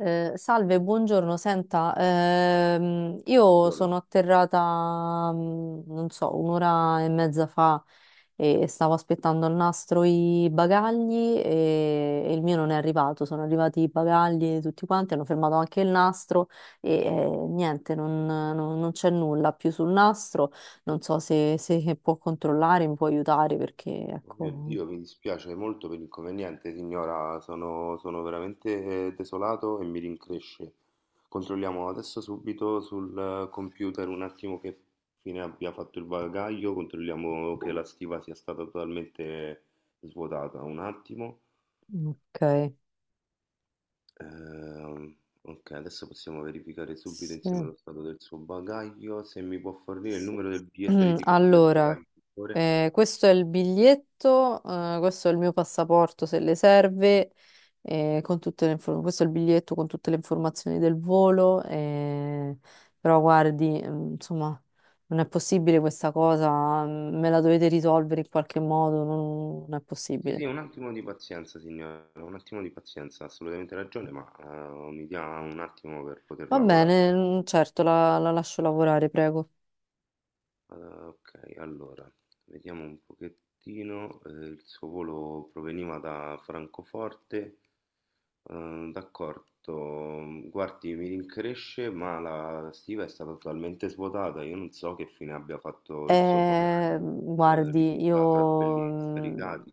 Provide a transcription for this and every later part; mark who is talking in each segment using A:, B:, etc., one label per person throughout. A: Salve, buongiorno. Senta, io sono
B: Buongiorno.
A: atterrata, mm, non so, un'ora e mezza fa e stavo aspettando al nastro i bagagli e il mio non è arrivato. Sono arrivati i bagagli tutti quanti, hanno fermato anche il nastro e niente, non c'è nulla più sul nastro. Non so se può controllare, mi può aiutare perché,
B: Oh mio
A: ecco,
B: Dio, mi dispiace molto per l'inconveniente, signora. Sono veramente desolato e mi rincresce. Controlliamo adesso subito sul computer un attimo che fine abbia fatto il bagaglio. Controlliamo che la stiva sia stata totalmente svuotata. Un attimo.
A: ok.
B: Ehm, ok, adesso possiamo verificare subito insieme
A: Sì.
B: lo stato del suo bagaglio. Se mi può fornire il
A: Sì.
B: numero del biglietto di etichetta del
A: Allora,
B: bagaglio, per favore.
A: Questo è il biglietto, questo è il mio passaporto se le serve, con tutte le questo è il biglietto con tutte le informazioni del volo, però guardi, mm, insomma, non è possibile questa cosa, mm, me la dovete risolvere in qualche modo, non è
B: Sì,
A: possibile.
B: sì, un attimo di pazienza, signora, un attimo di pazienza, ha assolutamente ragione, ma mi dia un attimo per poter
A: Va
B: lavorare.
A: bene, mm, certo, la lascio lavorare, prego.
B: Ok, allora, vediamo un pochettino. Il suo volo proveniva da Francoforte. D'accordo, guardi, mi rincresce, ma la stiva è stata totalmente svuotata. Io non so che fine abbia fatto il suo bagaglio.
A: Guardi,
B: Risulta tra quelli
A: io... mm,
B: scaricati.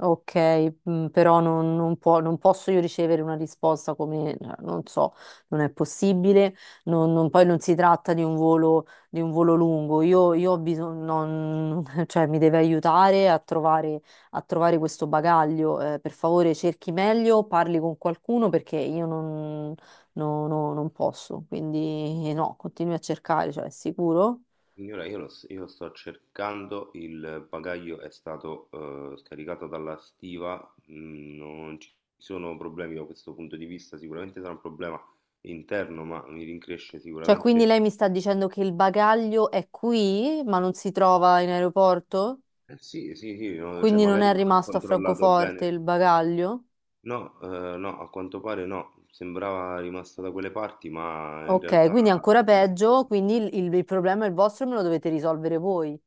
A: ok, mm, però non posso io ricevere una risposta come, cioè, non so, non è possibile, poi non si tratta di un volo lungo, io ho bisogno, non- cioè mi deve aiutare a trovare questo bagaglio. Per favore cerchi meglio, parli con qualcuno perché io non, non posso, quindi no, continui a cercare, cioè è sicuro?
B: Signora, io, io sto cercando, il bagaglio è stato scaricato dalla stiva, mm, non ci sono problemi da questo punto di vista, sicuramente sarà un problema interno, ma mi rincresce
A: Cioè, quindi
B: sicuramente.
A: lei mi sta dicendo che il bagaglio è qui, ma non si trova in aeroporto?
B: Sì, sì, sì, no, cioè
A: Quindi non
B: magari
A: è
B: non ha
A: rimasto a
B: controllato
A: Francoforte
B: bene.
A: il bagaglio?
B: No, no, a quanto pare no, sembrava rimasto da quelle parti, ma in
A: Ok,
B: realtà...
A: quindi ancora
B: Eh,
A: peggio, quindi il problema è il vostro e me lo dovete risolvere voi.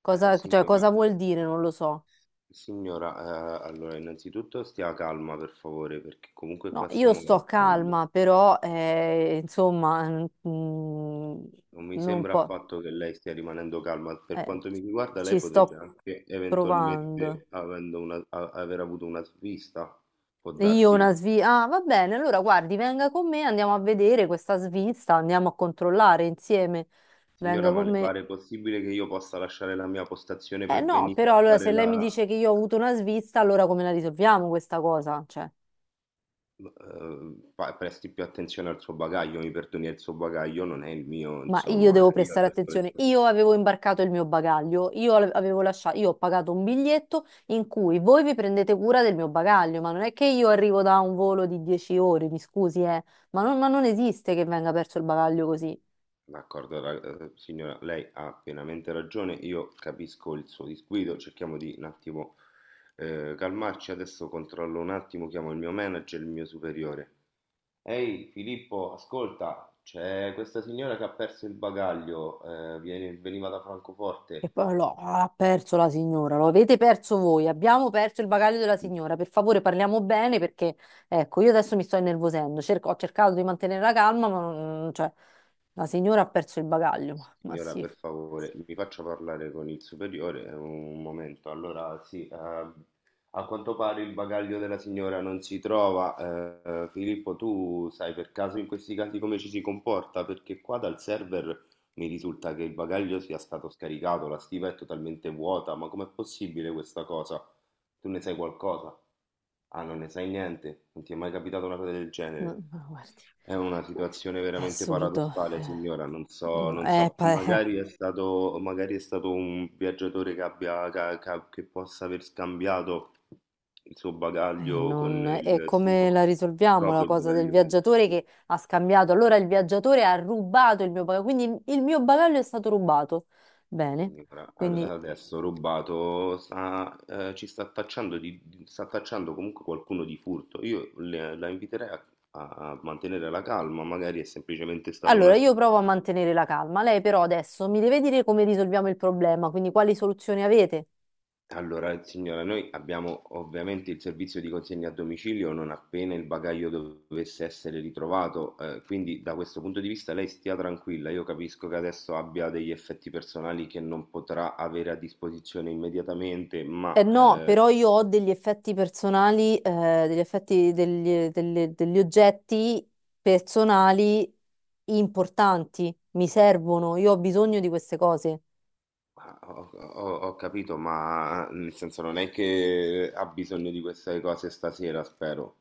A: Cosa, cioè, cosa
B: signora,
A: vuol dire? Non lo so.
B: Signora, allora innanzitutto stia calma per favore, perché comunque
A: No,
B: qua
A: io
B: stiamo
A: sto
B: lavorando.
A: calma, però, insomma, mm,
B: Non mi
A: non
B: sembra
A: po-
B: affatto che lei stia rimanendo calma. Per
A: eh,
B: quanto mi riguarda,
A: ci
B: lei potrebbe
A: sto
B: anche
A: provando.
B: eventualmente aver avuto una svista. Può
A: E io
B: darsi.
A: una svista. Ah, va bene, allora guardi, venga con me, andiamo a vedere questa svista, andiamo a controllare insieme.
B: Signora,
A: Venga
B: ma
A: con
B: le
A: me.
B: pare possibile che io possa lasciare la mia postazione
A: Eh
B: per
A: no,
B: venire
A: però
B: a
A: allora
B: fare
A: se lei mi
B: la...
A: dice che io ho avuto una svista, allora come la risolviamo questa cosa? Cioè,
B: Presti più attenzione al suo bagaglio, mi perdoni, il suo bagaglio non è il mio,
A: ma io
B: insomma.
A: devo
B: Cioè, io
A: prestare
B: adesso le
A: attenzione.
B: sto...
A: Io avevo imbarcato il mio bagaglio, io avevo lasciato, io ho pagato un biglietto in cui voi vi prendete cura del mio bagaglio, ma non è che io arrivo da un volo di 10 ore, mi scusi, ma non esiste che venga perso il bagaglio così.
B: D'accordo, signora, lei ha pienamente ragione, io capisco il suo disguido, cerchiamo di un attimo calmarci, adesso controllo un attimo, chiamo il mio manager, il mio superiore. Ehi Filippo, ascolta, c'è questa signora che ha perso il bagaglio, veniva da
A: E
B: Francoforte.
A: poi lo ah, ha perso la signora, lo avete perso voi, abbiamo perso il bagaglio della
B: Sì.
A: signora, per favore parliamo bene perché, ecco, io adesso mi sto innervosendo. Ho cercato di mantenere la calma, ma non- cioè, la signora ha perso il bagaglio, ma
B: Signora,
A: sì,
B: per favore, mi faccia parlare con il superiore un momento. Allora, sì, a quanto pare il bagaglio della signora non si trova. Filippo, tu sai per caso in questi casi come ci si comporta? Perché qua dal server mi risulta che il bagaglio sia stato scaricato, la stiva è totalmente vuota, ma com'è possibile questa cosa? Tu ne sai qualcosa? Ah, non ne sai niente? Non ti è mai capitata una cosa del genere?
A: ma guardi,
B: È una situazione
A: è
B: veramente
A: assurdo,
B: paradossale, signora. Non so,
A: mm,
B: non
A: è
B: so, magari è stato un viaggiatore che abbia, che possa aver scambiato il suo bagaglio con
A: non- e come la
B: il
A: risolviamo la
B: proprio
A: cosa del
B: bagaglio.
A: viaggiatore che ha scambiato, allora il viaggiatore ha rubato il mio bagaglio, quindi il mio bagaglio è stato rubato, bene, quindi...
B: Adesso rubato sta, ci sta tacciando, sta tacciando comunque qualcuno di furto. La inviterei a, a mantenere la calma, magari è semplicemente stata una
A: Allora, io provo a
B: svista.
A: mantenere la calma. Lei però adesso mi deve dire come risolviamo il problema, quindi quali soluzioni avete?
B: Allora, signora, noi abbiamo ovviamente il servizio di consegna a domicilio non appena il bagaglio dovesse essere ritrovato, quindi da questo punto di vista lei stia tranquilla. Io capisco che adesso abbia degli effetti personali che non potrà avere a disposizione immediatamente,
A: Eh
B: ma
A: no, però io ho degli effetti personali, degli effetti degli oggetti personali importanti, mi servono, io ho bisogno di queste cose.
B: ah, ho capito, ma nel senso non è che ha bisogno di queste cose stasera, spero.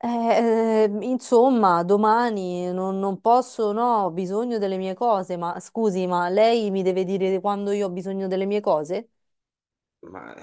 A: Insomma, domani non posso, no, ho bisogno delle mie cose, ma scusi, ma lei mi deve dire quando io ho bisogno delle mie cose?
B: Ma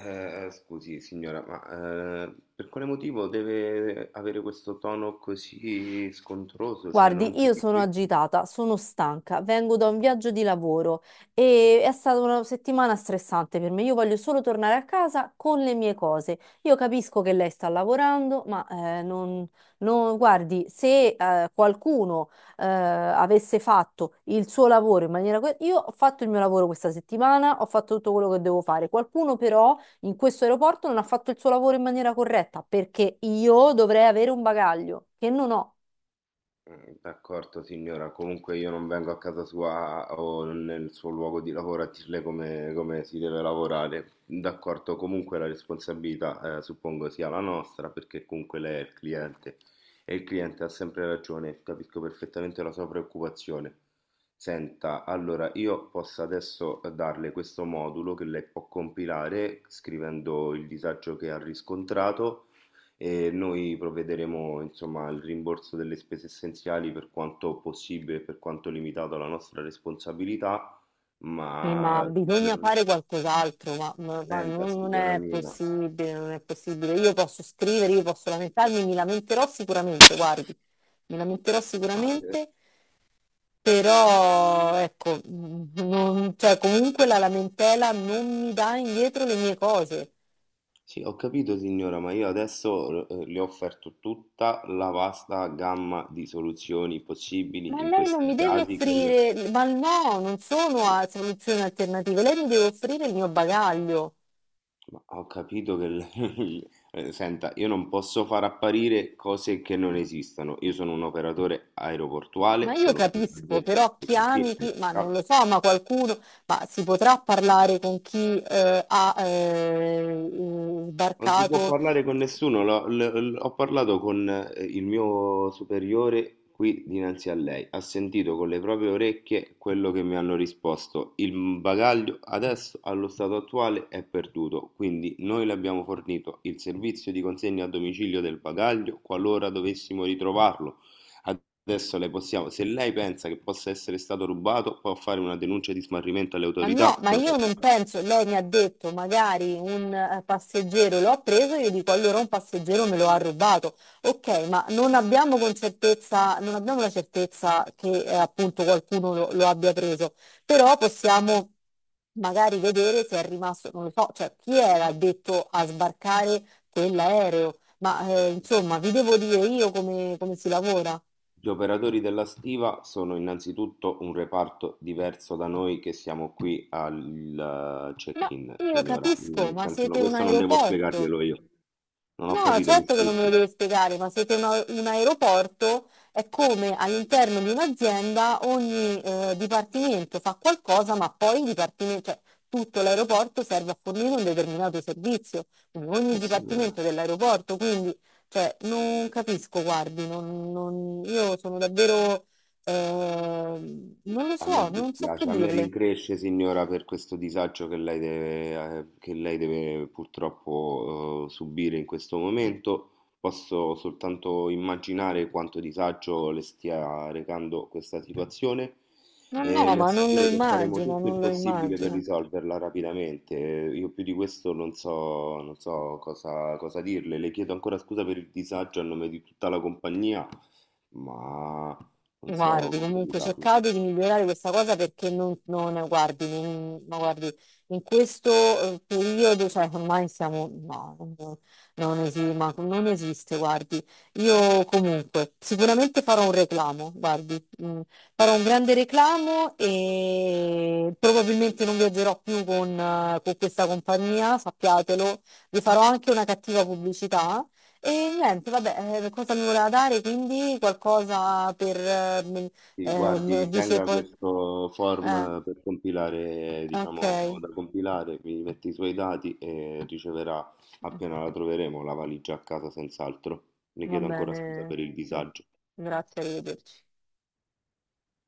B: scusi, signora, ma per quale motivo deve avere questo tono così scontroso? Cioè, non
A: Guardi, io sono
B: capisco.
A: agitata, sono stanca, vengo da un viaggio di lavoro e è stata una settimana stressante per me. Io voglio solo tornare a casa con le mie cose. Io capisco che lei sta lavorando, ma non, non- guardi, se qualcuno avesse fatto il suo lavoro in maniera... que- Io ho fatto il mio lavoro questa settimana, ho fatto tutto quello che devo fare. Qualcuno però in questo aeroporto non ha fatto il suo lavoro in maniera corretta perché io dovrei avere un bagaglio che non ho.
B: Mm, d'accordo signora, comunque io non vengo a casa sua o nel suo luogo di lavoro a dirle come, come si deve lavorare. D'accordo, comunque la responsabilità suppongo sia la nostra perché comunque lei è il cliente e il cliente ha sempre ragione, capisco perfettamente la sua preoccupazione. Senta, allora io posso adesso darle questo modulo che lei può compilare scrivendo il disagio che ha riscontrato e noi provvederemo, insomma, al rimborso delle spese essenziali per quanto possibile, per quanto limitato alla nostra responsabilità,
A: Sì, ma
B: ma
A: bisogna
B: per...
A: fare qualcos'altro, ma, ma
B: Senta,
A: non
B: signora
A: è
B: mia,
A: possibile, non è possibile. Io posso scrivere, io posso lamentarmi, mi lamenterò sicuramente, guardi, mi lamenterò
B: ma,
A: sicuramente, però ecco, mm, non- cioè, comunque la lamentela non mi dà indietro le mie cose.
B: sì, ho capito, signora, ma io adesso le ho offerto tutta la vasta gamma di soluzioni
A: Ma
B: possibili in
A: lei non
B: questi
A: mi deve
B: casi che le...
A: offrire, ma no, non sono a soluzioni alternative, lei mi deve offrire il mio bagaglio.
B: Ma ho capito che... senta, io non posso far apparire cose che non esistono. Io sono un operatore
A: Ma
B: aeroportuale,
A: io
B: sono qui
A: capisco,
B: soggetto...
A: però chi
B: Sì,
A: ami, chi... ma non
B: ciao.
A: lo so, ma qualcuno, ma si potrà parlare con chi ha
B: Non si può
A: sbarcato.
B: parlare con nessuno, ho parlato con il mio superiore qui dinanzi a lei, ha sentito con le proprie orecchie quello che mi hanno risposto. Il bagaglio adesso, allo stato attuale, è perduto, quindi noi le abbiamo fornito il servizio di consegna a domicilio del bagaglio qualora dovessimo ritrovarlo. Adesso le possiamo, se lei pensa che possa essere stato rubato, può fare una denuncia di smarrimento alle
A: Ma no,
B: autorità.
A: ma io
B: Troverà.
A: non penso, lei mi ha detto magari un passeggero l'ho preso, io dico allora un passeggero me lo ha rubato. Ok, ma non abbiamo con certezza, non abbiamo la certezza che appunto qualcuno lo abbia preso, però possiamo magari vedere se è rimasto, non lo so, cioè chi era detto a sbarcare quell'aereo, ma insomma vi devo dire io come si lavora.
B: Gli operatori della stiva sono innanzitutto un reparto diverso da noi che siamo qui al
A: Ma
B: check-in,
A: io
B: signora.
A: capisco,
B: Nel
A: ma
B: senso, no,
A: siete un
B: questo non devo
A: aeroporto.
B: spiegarglielo io. Non ho
A: No,
B: capito, mi
A: certo che non me lo
B: scusi.
A: deve spiegare, ma siete un, a- un aeroporto, è come all'interno di un'azienda ogni dipartimento fa qualcosa, ma poi il dipartimento, cioè tutto l'aeroporto serve a fornire un determinato servizio, quindi ogni
B: Signora.
A: dipartimento dell'aeroporto, quindi cioè, non capisco, guardi, non- non- io sono davvero, non lo
B: A
A: so,
B: me
A: non so che
B: dispiace, a me
A: dirle.
B: rincresce, signora, per questo disagio che lei deve purtroppo, subire in questo momento. Posso soltanto immaginare quanto disagio le stia recando questa situazione
A: Non
B: e
A: no,
B: le
A: ma non lo
B: assicuro che faremo
A: immagino,
B: tutto il
A: non lo
B: possibile per
A: immagino.
B: risolverla rapidamente. Io più di questo non so, non so cosa, cosa dirle. Le chiedo ancora scusa per il disagio a nome di tutta la compagnia, ma non so
A: Guardi,
B: come
A: comunque
B: spiegarlo.
A: cercate di migliorare questa cosa perché non, non- guardi, non- ma guardi, in questo periodo, cioè ormai siamo, no, non, non esi- ma non esiste, guardi. Io comunque sicuramente farò un reclamo, guardi, mm, farò un grande reclamo e probabilmente non viaggerò più con questa compagnia, sappiatelo, vi farò anche una cattiva pubblicità e niente, vabbè, cosa mi voleva dare? Quindi qualcosa per... mi-
B: Sì,
A: mi
B: guardi,
A: dice
B: tenga
A: poi...
B: questo
A: Eh,
B: form per compilare,
A: ok,
B: diciamo, da compilare, mi metti i suoi dati e riceverà
A: mm,
B: appena la troveremo la valigia a casa senz'altro. Le
A: va
B: chiedo ancora scusa per
A: bene,
B: il
A: sì.
B: disagio.
A: Grazie, arrivederci.